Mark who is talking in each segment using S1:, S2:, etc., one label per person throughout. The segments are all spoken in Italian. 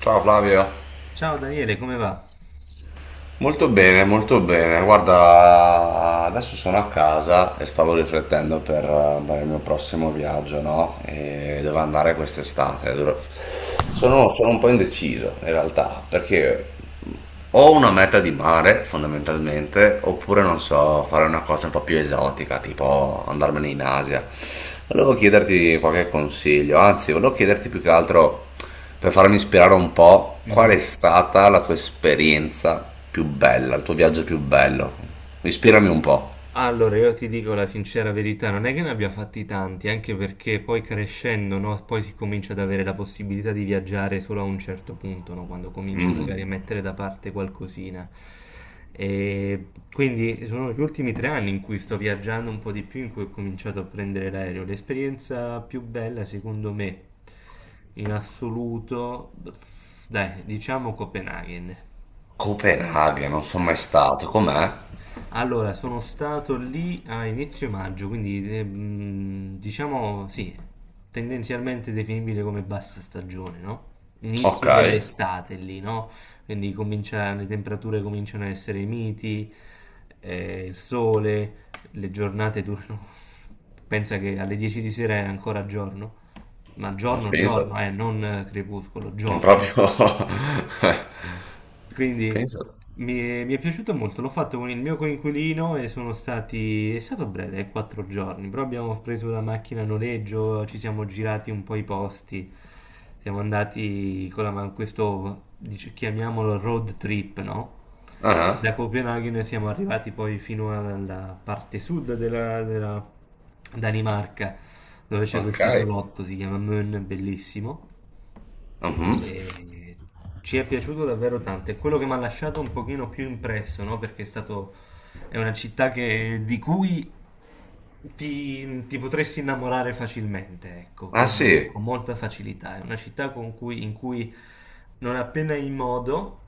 S1: Ciao Flavio.
S2: Ciao Daniele, come va?
S1: Molto bene, molto bene. Guarda, adesso sono a casa e stavo riflettendo per andare al mio prossimo viaggio, no? E dove andare quest'estate. Sono un po' indeciso in realtà, perché ho una meta di mare fondamentalmente, oppure non so, fare una cosa un po' più esotica, tipo andarmene in Asia. Volevo chiederti qualche consiglio, anzi, volevo chiederti più che altro per farmi ispirare un po', qual è
S2: Mhm.
S1: stata la tua esperienza più bella, il tuo viaggio più bello? Ispirami un po'.
S2: Allora, io ti dico la sincera verità, non è che ne abbia fatti tanti, anche perché poi crescendo, no, poi si comincia ad avere la possibilità di viaggiare solo a un certo punto, no, quando cominci
S1: Mm,
S2: magari a mettere da parte qualcosina. E quindi sono gli ultimi 3 anni in cui sto viaggiando un po' di più, in cui ho cominciato a prendere l'aereo. L'esperienza più bella, secondo me, in assoluto, dai, diciamo Copenaghen.
S1: Copenaghen, non sono mai stato, com'è?
S2: Allora, sono stato lì a inizio maggio, quindi diciamo sì, tendenzialmente definibile come bassa stagione, no?
S1: Ok,
S2: Inizio dell'estate lì, no? Quindi le temperature cominciano a essere miti, il sole, le giornate durano. Pensa che alle 10 di sera è ancora giorno, ma
S1: ma
S2: giorno,
S1: pensate,
S2: giorno, non crepuscolo,
S1: non
S2: giorno.
S1: proprio...
S2: Quindi
S1: pensate.
S2: mi è piaciuto molto, l'ho fatto con il mio coinquilino e è stato breve, 4 giorni, però abbiamo preso la macchina a noleggio, ci siamo girati un po' i posti, siamo andati con la, ma- questo, dice- chiamiamolo road trip, no?
S1: Ah,
S2: Da Copenaghen siamo arrivati poi fino alla parte sud della Danimarca, dove c'è
S1: ok.
S2: questo isolotto, si chiama Møn, bellissimo.
S1: Mhm.
S2: E ci è piaciuto davvero tanto. È quello che mi ha lasciato un pochino più impresso, no? Perché è una città di cui ti potresti innamorare facilmente, ecco,
S1: Ah
S2: con,
S1: sì,
S2: con molta facilità. È una città in cui non appena hai modo,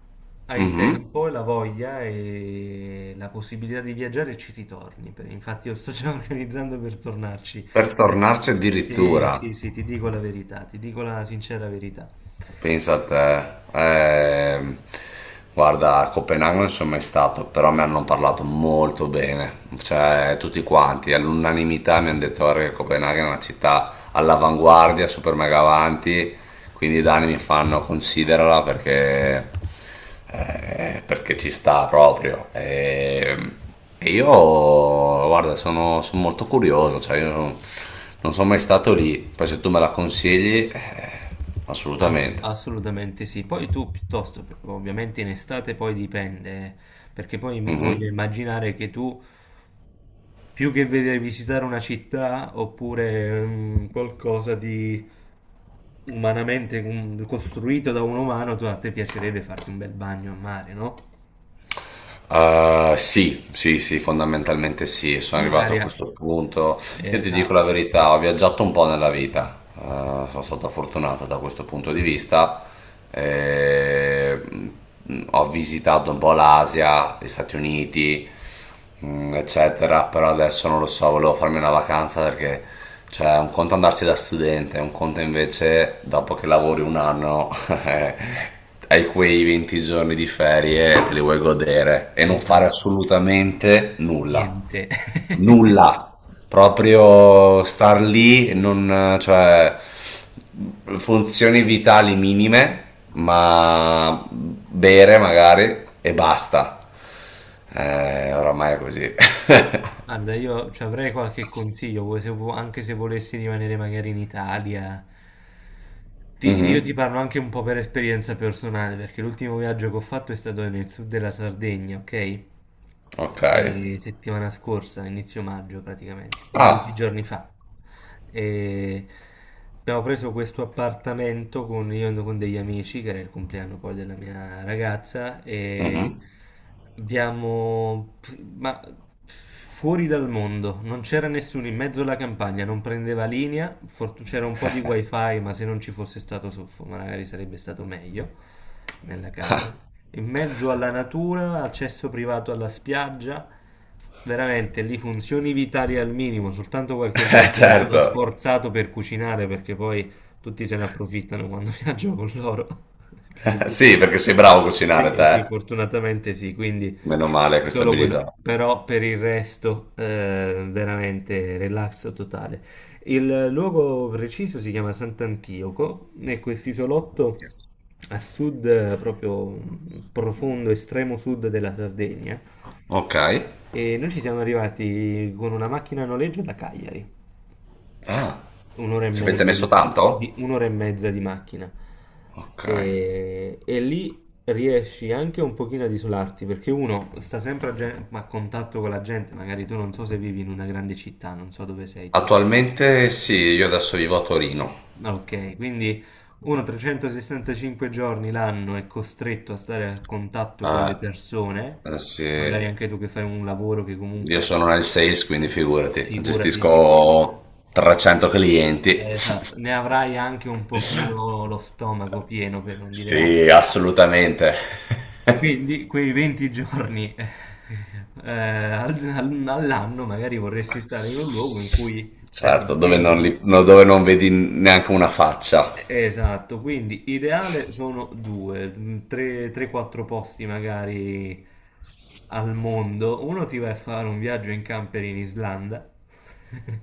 S2: hai
S1: mhm.
S2: tempo, e la voglia e la possibilità di viaggiare, ci ritorni. Infatti, io sto già organizzando per tornarci.
S1: Per
S2: Ti dico-
S1: tornarci
S2: Sì, sì,
S1: addirittura.
S2: sì, ti dico la verità, ti dico la sincera verità.
S1: Pensa a te. Guarda, a Copenaghen non sono mai stato, però mi hanno parlato molto bene, cioè tutti quanti, all'unanimità mi hanno detto "Guarda che Copenaghen è una città all'avanguardia, super mega avanti, quindi i danni mi fanno considerala perché perché ci sta proprio. E io, guarda, sono molto curioso, cioè io non, non sono mai stato lì, poi se tu me la consigli, assolutamente.
S2: Assolutamente sì. Poi tu piuttosto, ovviamente in estate poi dipende, perché poi voglio
S1: Mhm.
S2: immaginare che tu più che vedere visitare una città oppure qualcosa di umanamente costruito da un umano, a te piacerebbe farti un bel bagno a mare, no?
S1: Sì, sì, sì, fondamentalmente sì, sono arrivato
S2: Magari
S1: a
S2: a-
S1: questo punto. Io ti dico la
S2: Esatto,
S1: verità, ho viaggiato un po' nella vita. Sono stato fortunato da questo punto di vista. Eh, ho visitato un po' l'Asia, gli Stati Uniti, eccetera, però adesso non lo so, volevo farmi una vacanza perché cioè un conto andarsi da studente, un conto invece dopo che lavori un anno hai quei 20 giorni di ferie e te li vuoi godere e non fare
S2: esatto.
S1: assolutamente nulla.
S2: Niente.
S1: Nulla, proprio star lì, non, cioè, funzioni vitali minime, ma bere magari e basta. Oramai è così.
S2: Guarda, io ci avrei qualche consiglio, vuoi se vu- anche se volessi rimanere magari in Italia. Io ti
S1: Mhm,
S2: parlo anche un po' per esperienza personale, perché l'ultimo viaggio che ho fatto è stato nel sud della Sardegna, ok?
S1: ok.
S2: E settimana scorsa, inizio maggio praticamente, dieci
S1: Ah,
S2: giorni fa. E abbiamo preso questo appartamento con, io ando con degli amici, che era il compleanno poi della mia ragazza, e
S1: mhm.
S2: abbiamo... ma fuori dal mondo, non c'era nessuno in mezzo alla campagna, non prendeva linea, c'era un po' di wifi, ma se non ci fosse stato soffo, magari sarebbe stato meglio nella casa. In mezzo alla natura, accesso privato alla spiaggia, veramente lì funzioni vitali al minimo, soltanto qualche volta mi sono
S1: Certo.
S2: sforzato per cucinare perché poi tutti se ne approfittano quando viaggio con loro. Quindi-
S1: Sì, perché sei bravo a cucinare
S2: Sì, sì,
S1: te.
S2: fortunatamente sì,
S1: Meno male questa
S2: solo
S1: abilità.
S2: quello, però per il resto veramente relax totale. Il luogo preciso si chiama Sant'Antioco e quest'isolotto a sud, proprio profondo, estremo sud della Sardegna.
S1: Ok.
S2: E noi ci siamo arrivati con una macchina a noleggio da Cagliari.
S1: Ah,
S2: Un'ora e
S1: ci avete
S2: mezza
S1: messo
S2: di,
S1: tanto?
S2: di- un'ora e mezza di macchina.
S1: Ok.
S2: E lì riesci anche un pochino ad isolarti, perché uno sta sempre a contatto con la gente, magari tu non so se vivi in una grande città, non so dove sei tu.
S1: Attualmente sì, io adesso vivo a Torino.
S2: Ok, quindi uno 365 giorni l'anno è costretto a stare a contatto con le
S1: Eh,
S2: persone,
S1: sì.
S2: magari anche tu che fai un lavoro che
S1: Io
S2: comunque,
S1: sono nel sales, quindi
S2: eh,
S1: figurati,
S2: figurati.
S1: gestisco 300 clienti.
S2: Esatto, ne avrai anche un pochino lo stomaco pieno per non dire altro.
S1: Sì, assolutamente.
S2: Quindi quei 20 giorni all'anno magari vorresti stare in un luogo in cui sei
S1: Certo, dove
S2: tranquillo,
S1: non,
S2: no?
S1: li- no, dove non vedi neanche una faccia.
S2: Esatto, quindi ideale sono 3-4 posti magari al mondo. Uno ti vai a fare un viaggio in camper in Islanda.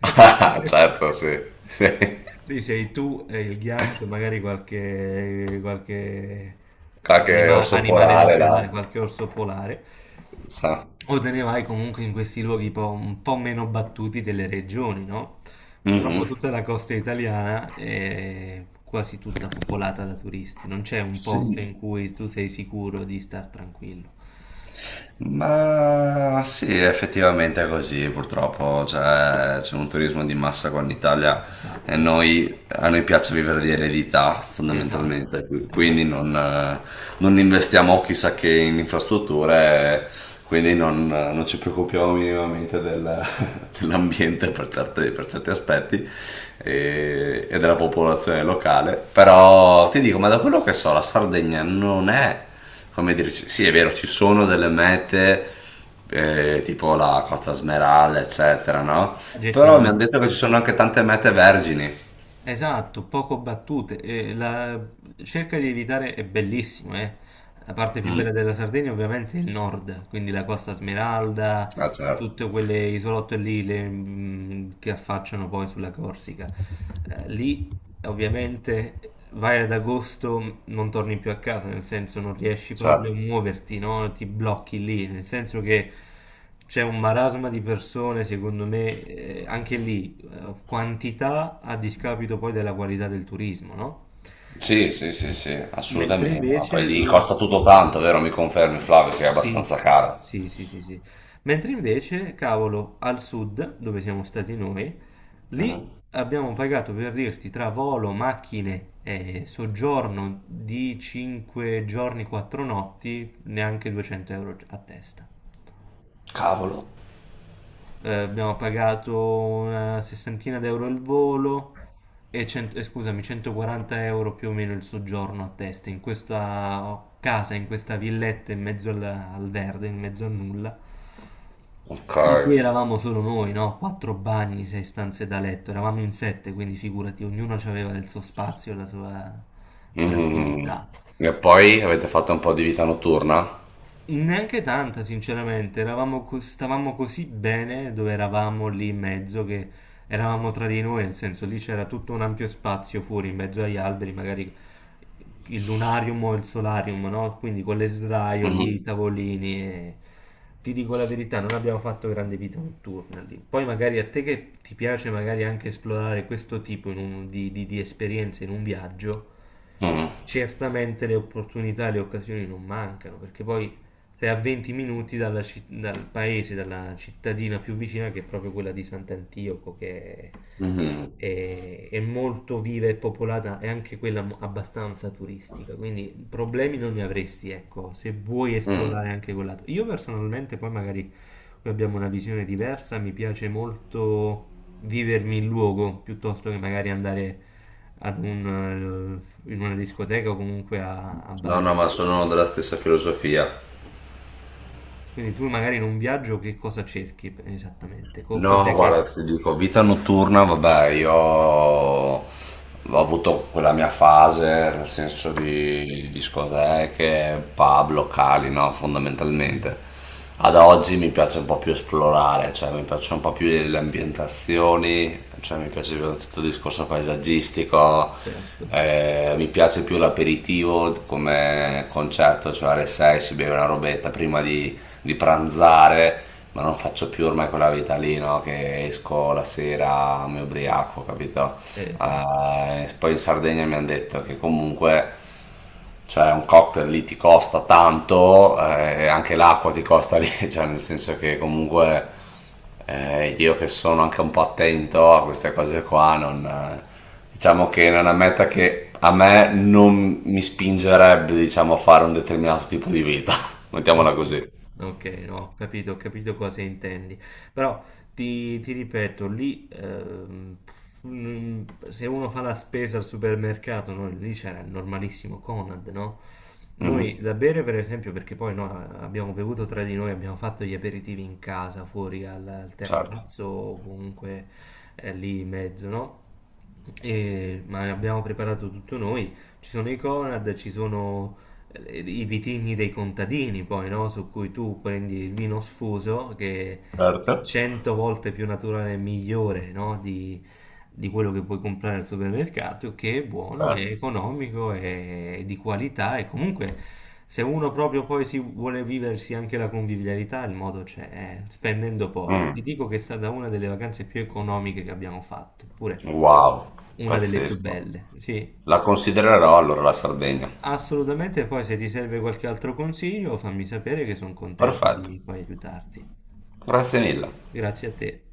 S1: Certo, sì. Sì.
S2: Lì sei tu e il ghiaccio, magari qualche
S1: Qualche orso
S2: animale
S1: polare là.
S2: locale, qualche orso polare.
S1: Sa.
S2: O te ne vai comunque in questi luoghi un po' meno battuti delle regioni, no? Purtroppo
S1: Mhm.
S2: tutta la costa italiana è quasi tutta popolata da turisti, non c'è un
S1: Sì.
S2: posto in cui tu sei sicuro di star tranquillo.
S1: Ma sì, effettivamente è così, purtroppo cioè, c'è un turismo di massa qua in Italia e
S2: Esatto,
S1: a noi piace vivere di eredità
S2: esatto,
S1: fondamentalmente, quindi
S2: esatto.
S1: non investiamo chissà che in infrastrutture, quindi non ci preoccupiamo minimamente dell'ambiente per per certi aspetti e della popolazione locale, però ti dico, ma da quello che so, la Sardegna non è come dire, sì sì, è vero, ci sono delle mete tipo la Costa Smeralda, eccetera, no? Però mi hanno
S2: Gettonati.
S1: detto che ci sono anche tante mete vergini.
S2: Esatto, poco battute. Cerca di evitare, è bellissimo, eh. La parte più bella
S1: Mm.
S2: della Sardegna ovviamente è il nord, quindi la Costa Smeralda,
S1: Ah, certo,
S2: tutte quelle isolotte lì che affacciano poi sulla Corsica. Lì ovviamente vai ad agosto, non torni più a casa, nel senso non riesci proprio a
S1: certo.
S2: muoverti, no? Ti blocchi lì, nel senso che c'è un marasma di persone, secondo me, anche lì quantità a discapito poi della qualità del turismo, no?
S1: Sì, sì, sì, sì,
S2: Mentre
S1: assolutamente. Ma poi
S2: invece
S1: lì
S2: dove...
S1: costa tutto tanto, vero? Mi confermi, Flavio, che è
S2: Sì,
S1: abbastanza caro.
S2: sì, sì, sì, sì. Mentre invece, cavolo, al sud, dove siamo stati noi, lì
S1: Mhm.
S2: abbiamo pagato per dirti tra volo, macchine e soggiorno di 5 giorni, 4 notti, neanche 200 euro a testa.
S1: Cavolo.
S2: Abbiamo pagato una sessantina d'euro al volo e scusami, 140 euro più o meno il soggiorno a testa in questa casa, in questa villetta in mezzo al verde, in mezzo a nulla,
S1: Ok.
S2: in cui eravamo solo noi, no? Quattro bagni, sei stanze da letto, eravamo in sette, quindi figurati, ognuno aveva il suo spazio, la sua
S1: Mhm.
S2: tranquillità.
S1: E poi avete fatto un po' di vita notturna?
S2: Neanche tanta, sinceramente, stavamo così bene dove eravamo lì in mezzo che eravamo tra di noi, nel senso lì c'era tutto un ampio spazio fuori in mezzo agli alberi, magari il lunarium o il solarium, no? Quindi con le sdraio lì, i
S1: Mhm.
S2: tavolini. Ti dico la verità, non abbiamo fatto grande vita notturna lì. Poi magari a te che ti piace magari anche esplorare questo tipo in un- di esperienze in un viaggio,
S1: Mhm.
S2: certamente le opportunità e le occasioni non mancano, perché poi sei a 20 minuti dalla dal paese, dalla cittadina più vicina, che è proprio quella di Sant'Antioco, che è,
S1: Mhm.
S2: è- è molto viva e popolata, e anche quella abbastanza turistica, quindi problemi non ne avresti, ecco, se vuoi
S1: Mhm.
S2: esplorare anche quell'altro. Io personalmente, poi magari qui abbiamo una visione diversa, mi piace molto vivermi il luogo piuttosto che magari andare in una discoteca o comunque a
S1: No, no,
S2: ballare.
S1: ma sono della stessa filosofia.
S2: Quindi tu magari in un viaggio che cosa cerchi esattamente?
S1: No, guarda, ti dico, vita notturna, vabbè, io ho avuto quella mia fase, nel senso di discoteche, pub, locali, no, fondamentalmente. Ad oggi mi piace un po' più esplorare, cioè mi piacciono un po' più le ambientazioni, cioè mi piace più tutto il discorso paesaggistico,
S2: Certo,
S1: mi piace più l'aperitivo come concetto, cioè alle 6 si beve una robetta prima di pranzare, ma non faccio più ormai quella vita lì, no? Che esco la sera, mi ubriaco, capito?
S2: esatto.
S1: Poi in Sardegna mi hanno detto che comunque, cioè, un cocktail lì ti costa tanto, e anche l'acqua ti costa lì, cioè, nel senso che comunque io che sono anche un po' attento a queste cose qua, non, diciamo che non è una meta che a me non mi spingerebbe, diciamo, a fare un determinato tipo di vita,
S2: Ok,
S1: mettiamola così.
S2: ok, no, ho capito cosa intendi. Però ti ripeto, lì mm, se uno fa la spesa al supermercato, no, lì c'era il normalissimo Conad, no?
S1: Mh-mh.
S2: Noi da bere, per esempio, perché poi no, abbiamo bevuto tra di noi, abbiamo fatto gli aperitivi in casa, fuori al
S1: Certo,
S2: terrazzo o comunque lì in mezzo, no? Ma abbiamo preparato tutto noi. Ci sono i Conad, ci sono i vitigni dei contadini, poi, no? Su cui tu prendi il vino sfuso che è
S1: certo,
S2: 100 volte più naturale e migliore, no? Di quello che puoi comprare al supermercato, che è buono, è
S1: certo.
S2: economico, è di qualità e comunque se uno proprio poi si vuole viversi anche la convivialità, il modo c'è, spendendo poco.
S1: Mh,
S2: Ti dico che è stata una delle vacanze più economiche che abbiamo fatto, eppure
S1: wow,
S2: una delle più
S1: pazzesco.
S2: belle. Sì.
S1: La considererò allora la Sardegna.
S2: Assolutamente, poi se ti serve qualche altro consiglio, fammi sapere che sono contento
S1: Perfetto,
S2: di poi aiutarti.
S1: grazie mille.
S2: Grazie a te.